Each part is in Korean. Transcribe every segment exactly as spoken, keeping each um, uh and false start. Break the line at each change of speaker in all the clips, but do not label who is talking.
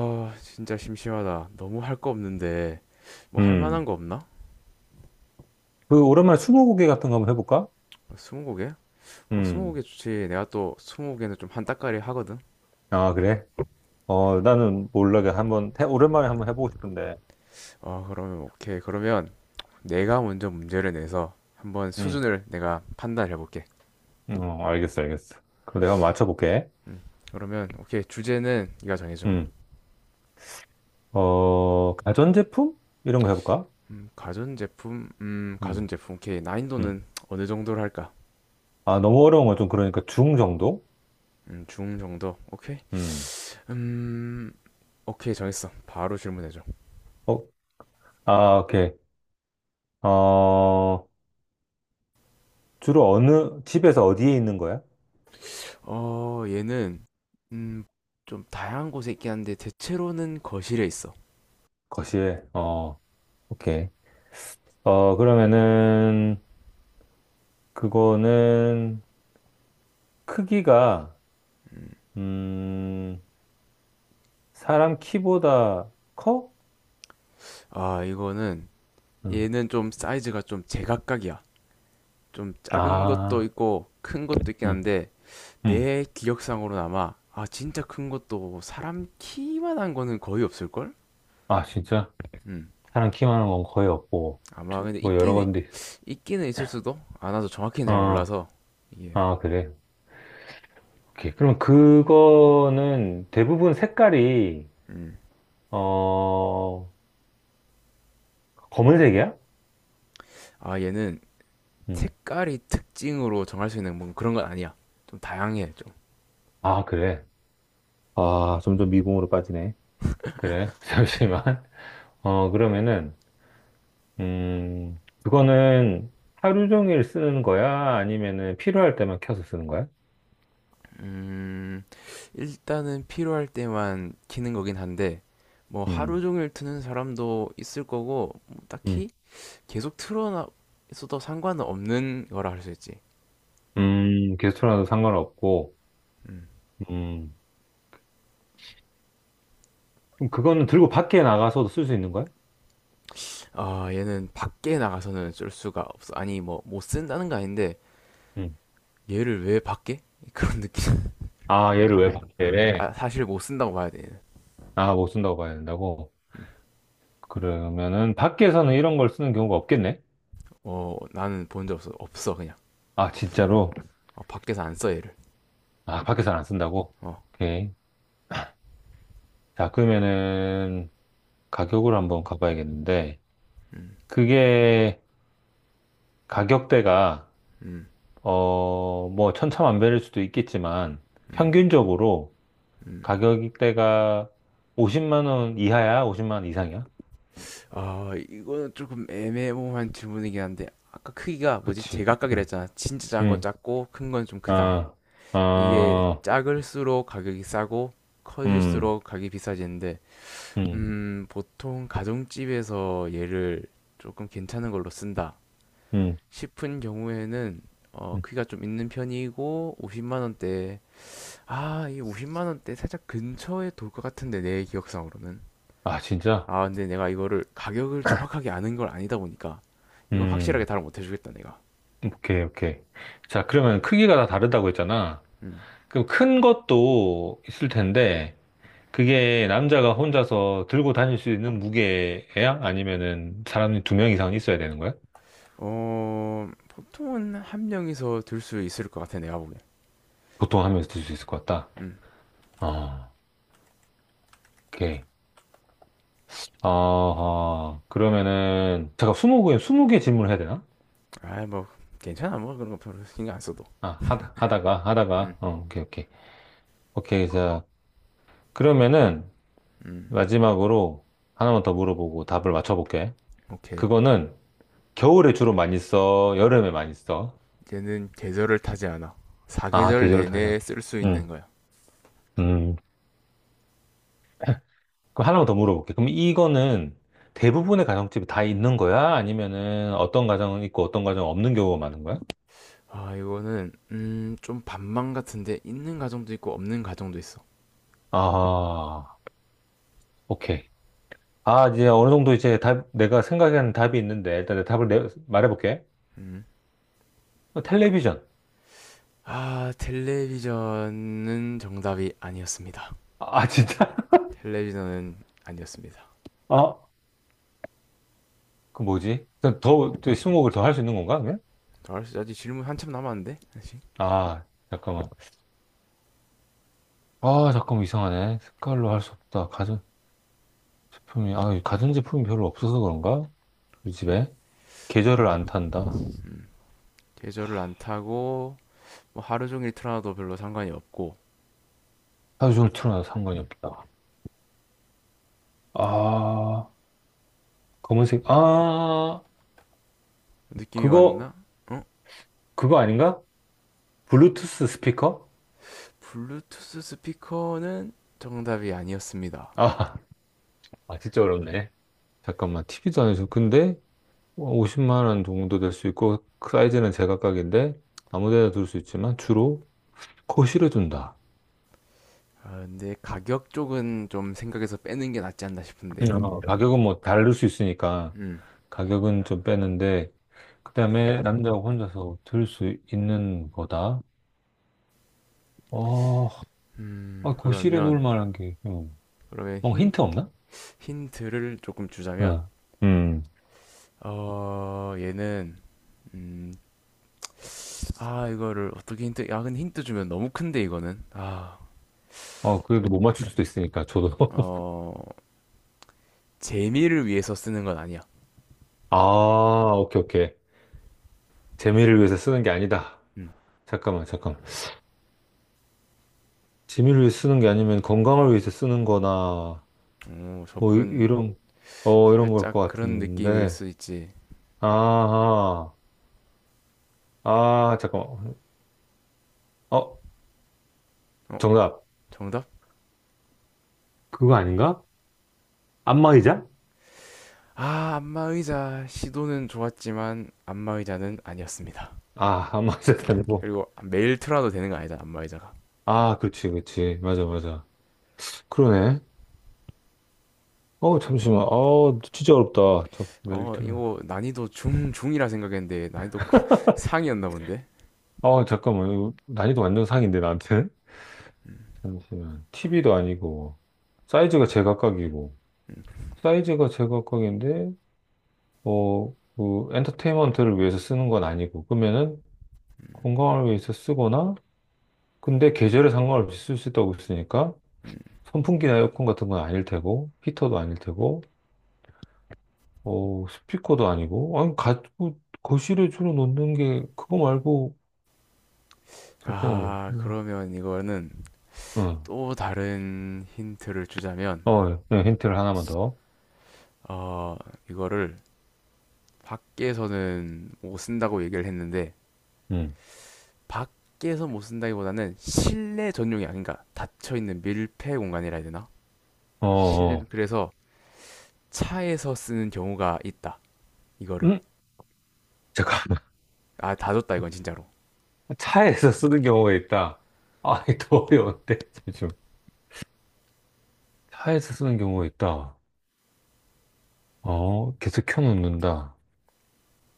아, 진짜 심심하다. 너무 할 거 없는데, 뭐 할 만한
음.
거 없나?
그 오랜만에 스무고개 같은 거 한번 해볼까?
어, 스무고개? 어,
음.
스무고개 좋지. 내가 또 스무고개는 좀 한따까리 하거든.
아, 그래? 어, 나는 몰라게 한번 해, 오랜만에 한번 해보고 싶은데.
어, 그러면 오케이. 그러면 내가 먼저 문제를 내서 한번
음.
수준을 내가 판단해 볼게.
어, 알겠어, 알겠어. 그럼 내가 한번 맞춰볼게.
그러면 오케이. 주제는 네가 정해줘.
음. 어, 가전제품? 이런 거 해볼까?
음, 가전제품? 음,
음.
가전제품. 오케이.
음.
난이도는 어느 정도로 할까?
아, 너무 어려운 건 좀 그러니까 중 정도?
음, 중 정도. 오케이.
음.
음, 오케이. 정했어. 바로 질문해줘.
어, 아, 오케이. 어, 주로 어느 집에서 어디에 있는 거야?
어, 얘는 음, 좀 다양한 곳에 있긴 한데 대체로는 거실에 있어.
거실에. 어, 오케이. 어, 그러면은 그거는 크기가
음.
음, 사람 키보다 커?
아, 이거는
음.
얘는 좀 사이즈가 좀 제각각이야. 좀 작은 것도
아,
있고 큰 것도 있긴
음,
한데
음.
내 기억상으로는 아마 아, 진짜 큰 것도 사람 키만한 거는 거의 없을걸?
아, 진짜?
음.
사람 키만한 건 거의 없고,
아마
트-
근데
뭐 여러
있기는
건데,
있기는 있을 수도? 아, 나도 정확히는 잘
아,
몰라서. 이게.
아, 그래. 오케이. 그럼 그거는 대부분 색깔이,
음.
어, 검은색이야?
아, 얘는
음.
색깔이 특징으로 정할 수 있는 뭐 그런 건 아니야. 좀 다양해.
아, 그래. 아, 점점 미궁으로 빠지네. 그래. 잠시만. 어, 그러면은, 음, 그거는 하루 종일 쓰는 거야? 아니면은 필요할 때만 켜서 쓰는 거야?
음, 일단은 필요할 때만 키는 거긴 한데, 뭐 하루
음.
종일 트는 사람도 있을 거고, 뭐
음,
딱히 계속 틀어놔 있어도 상관은 없는 거라 할 수 있지.
음, 게스트라도 상관없고,
음.
음, 그럼 그거는 들고 밖에 나가서도 쓸 수 있는 거야?
아, 얘는 밖에 나가서는 쓸 수가 없어. 아니, 뭐, 못 쓴다는 거 아닌데,
음.
얘를 왜 밖에? 그런 느낌.
아, 얘를 왜 네.
아,
밖에?
사실 못 쓴다고 봐야 돼, 얘는.
아, 못 쓴다고 봐야 된다고?
음.
그러면은 밖에서는 이런 걸 쓰는 경우가 없겠네?
어, 나는 본 적 없어. 없어, 그냥.
아,
없어.
진짜로?
어, 밖에서 안 써, 얘를.
아, 밖에서는 안 쓴다고?
어,
오케이. 자, 그러면은 가격을 한번 가봐야겠는데,
음,
그게 가격대가,
음,
어, 뭐 천차만별일 수도 있겠지만,
음,
평균적으로
음.
가격대가 오십만 원 이하야? 오십만 원 이상이야?
아, 이거는 조금 애매모호한 질문이긴 한데, 아까 크기가 뭐지?
그치.
제각각이라
음,
했잖아. 진짜 작은 건
음,
작고, 큰 건 좀 크다.
아,
이게
아,
작을수록 가격이 싸고,
음,
커질수록 가격이 비싸지는데,
음,
음, 보통 가정집에서 얘를 조금 괜찮은 걸로 쓴다
음,
싶은 경우에는, 어,
음.
크기가 좀 있는 편이고, 오십만 원대, 아, 이 오십만 원대 살짝 근처에 돌 것 같은데, 내 기억상으로는.
아, 진짜?
아, 근데 내가 이거를 가격을 정확하게 아는 걸 아니다 보니까 이건 확실하게
음,
답을 못 해주겠다, 내가.
오케이, 오케이. 자, 그러면 크기가 다 다르다고 했잖아.
음.
그럼 큰 것도 있을 텐데, 그게 남자가 혼자서 들고 다닐 수 있는 무게야? 아니면은 사람이 두 명 이상 있어야 되는 거야?
어, 보통은 한 명이서 들 수 있을 것 같아, 내가 보기
보통 한 명이 들 수 있을 것 같다.
음.
아, 오케이. 아, 그러면은, 잠깐, 스무 개, 스무 개 질문을 해야 되나?
아, 뭐, 괜찮아, 뭐, 그런 거 별로 신경 안 써도.
아, 하다, 하다가,
음,
하다가, 어, 오케이, 오케이. 오케이, 자. 그러면은
음,
마지막으로 하나만 더 물어보고 답을 맞춰볼게.
오케이.
그거는 겨울에 주로 많이 써? 여름에 많이 써?
얘는 계절을 타지 않아.
아,
사계절
계절을 타자.
내내 쓸 수
응.
있는 거야.
음. 그럼 하나만 더 물어볼게. 그럼 이거는 대부분의 가정집이 다 있는 거야? 아니면은 어떤 가정은 있고 어떤 가정은 없는 경우가 많은 거야?
아, 이거는, 음, 좀 반망 같은데, 있는 가정도 있고, 없는 가정도 있어.
아, 오케이. 아, 이제 어느 정도 이제 답, 내가 생각하는 답이 있는데 일단 내 답을 내, 말해볼게.
음.
어, 텔레비전.
아, 텔레비전은 정답이 아니었습니다.
아, 진짜?
텔레비전은 아니었습니다.
아, 그 뭐지? 그럼 더, 또 스무고개를 더 할 수 있는 건가, 그냥
알았어, 아직 질문 한참 남았는데? 아직?
아, 잠깐만. 아, 잠깐만, 이상하네. 색깔로 할 수 없다. 가전제품이, 아, 가전제품이 별로 없어서 그런가? 우리
시
집에? 계절을
아,
안 탄다.
계절을 안 타고 뭐 하루 종일 틀어놔도 별로 상관이 없고
하루 종일 틀어놔도 상관이 없다. 아, 검은색, 아,
느낌이
그거,
왔나? 어?
그거 아닌가? 블루투스 스피커?
블루투스 스피커는 정답이 아니었습니다.
아, 아, 진짜 어렵네. 잠깐만, 티비도 아니죠. 근데, 오십만 원 정도 될 수 있고, 그 사이즈는 제각각인데, 아무 데나 둘 수 있지만, 주로 코 실어준다.
아, 근데 가격 쪽은 좀 생각해서 빼는 게 낫지 않나 싶은데.
어, 가격은 뭐 다를 수 있으니까
음,
가격은 좀 빼는데 그다음에 남자가 혼자서 들 수 있는 거다. 어,
음,
아, 거실에 놓을
그러면
만한 게 음.
그러면
어,
힌
힌트 없나?
힌트를 조금 주자면,
어. 음.
어, 얘는 음, 아, 이거를 어떻게 힌트, 야, 근데 힌트 주면 너무 큰데, 이거는. 아,
어, 그래도 못 맞출 수도 있으니까 저도.
어, 재미를 위해서 쓰는 건 아니야.
아, 오케이, 오케이. 재미를 위해서 쓰는 게 아니다.
음,
잠깐만, 잠깐만. 재미를 위해서 쓰는 게 아니면 건강을 위해서 쓰는 거나
오,
뭐 이-
접근.
이런 어, 이런 걸 것
살짝 그런 느낌일
같은데.
수 있지.
아하. 아, 잠깐만. 어,
어,
정답.
정답?
그거 아닌가? 안마의자?
아, 안마의자. 시도는 좋았지만, 안마의자는 아니었습니다.
아, 안마의자도 아니고.
그리고 매일 틀어도 되는 거 아니다, 안마의자가.
아, 그렇지, 그렇지. 맞아, 맞아. 그러네. 어, 잠시만. 어, 진짜 어렵다. 잠깐만,
어,
일터를.
이거 난이도 중, 중이라 생각했는데, 난이도 상이었나 본데?
어, 잠깐만. 이거 난이도 완전 상인데, 나한테?
음,
잠시만. 티비도 아니고, 사이즈가 제각각이고,
음.
사이즈가 제각각인데, 어, 그, 엔터테인먼트를 위해서 쓰는 건 아니고, 그러면은, 건강을 위해서 쓰거나, 근데 계절에 상관없이 쓸 수 있다고 했으니까,
음.
선풍기나 에어컨 같은 건 아닐 테고, 히터도 아닐 테고, 어, 스피커도 아니고, 아니, 가지고 거실에 주로 놓는 게 그거 말고, 잠깐만,
아,
뭐,
그러면 이거는
응,
또 다른 힌트를 주자면,
어, 예. 네, 힌트를 하나만 더,
어, 이거를 밖에서는 못 쓴다고 얘기를 했는데,
응,
밖에서 못 쓴다기보다는 실내 전용이 아닌 가 닫혀있는 밀폐 공간이라 해야 되나?
어,
실내,
어,
그래서 차에서 쓰는 경우가 있다. 이거를.
응? 잠깐만,
아, 다줬다, 이건 진짜로.
차에서 쓰는 경우가 있다. 아, 이더 어려운데, 지금. 차에서 쓰는 경우가 있다. 어, 계속 켜놓는다.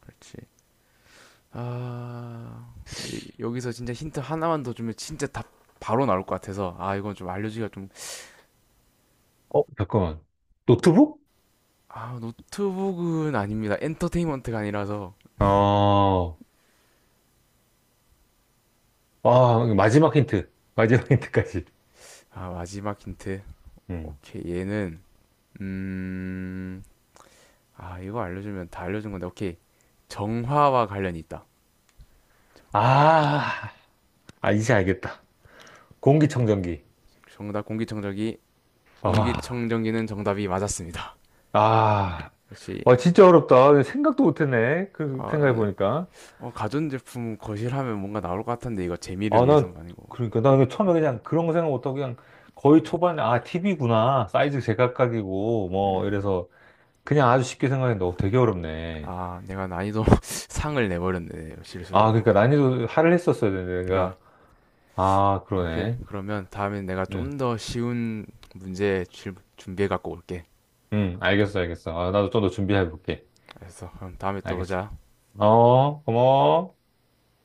그치. 아, 근데 여기서 진짜 힌트 하나만 더 주면 진짜 답 바로 나올 것 같아서, 아, 이건 좀 알려주기가 좀,
어, 잠깐만, 노트북?
아, 노트북은 아닙니다. 엔터테인먼트가 아니라서.
어, 아, 마지막 힌트, 마지막 힌트까지.
아, 마지막 힌트.
음.
오케이, 얘는, 음, 아, 이거 알려주면 다 알려준 건데, 오케이. 정화와 관련이 있다.
아, 아, 이제 알겠다. 공기청정기.
정답 공기청정기,
아.
공기청정기는 정답이 맞았습니다.
아,
역시,
와,
뭐,
진짜 어렵다. 생각도 못했네. 그,
아, 나는,
생각해보니까.
어, 가전제품 거실하면 뭔가 나올 것 같은데, 이거 재미를
아, 난,
위해서는 아니고.
그러니까, 난 처음에 그냥 그런 거 생각 못하고 그냥 거의 초반에, 아, 티비구나. 사이즈 제각각이고, 뭐,
음,
이래서 그냥 아주 쉽게 생각했는데, 어, 되게 어렵네.
아, 내가 난이도 상을 내버렸네,
아,
실수로.
그러니까 난이도 하를 했었어야 되는데, 내가.
그러니까,
아,
오케이.
그러네.
그러면 다음엔 내가
응,
좀 더 쉬운 문제 준비해갖고 올게.
응, 알겠어, 알겠어. 아, 나도 좀 더 준비해볼게.
알았어. 그럼 다음에 또
알겠어.
보자.
어, 고마워.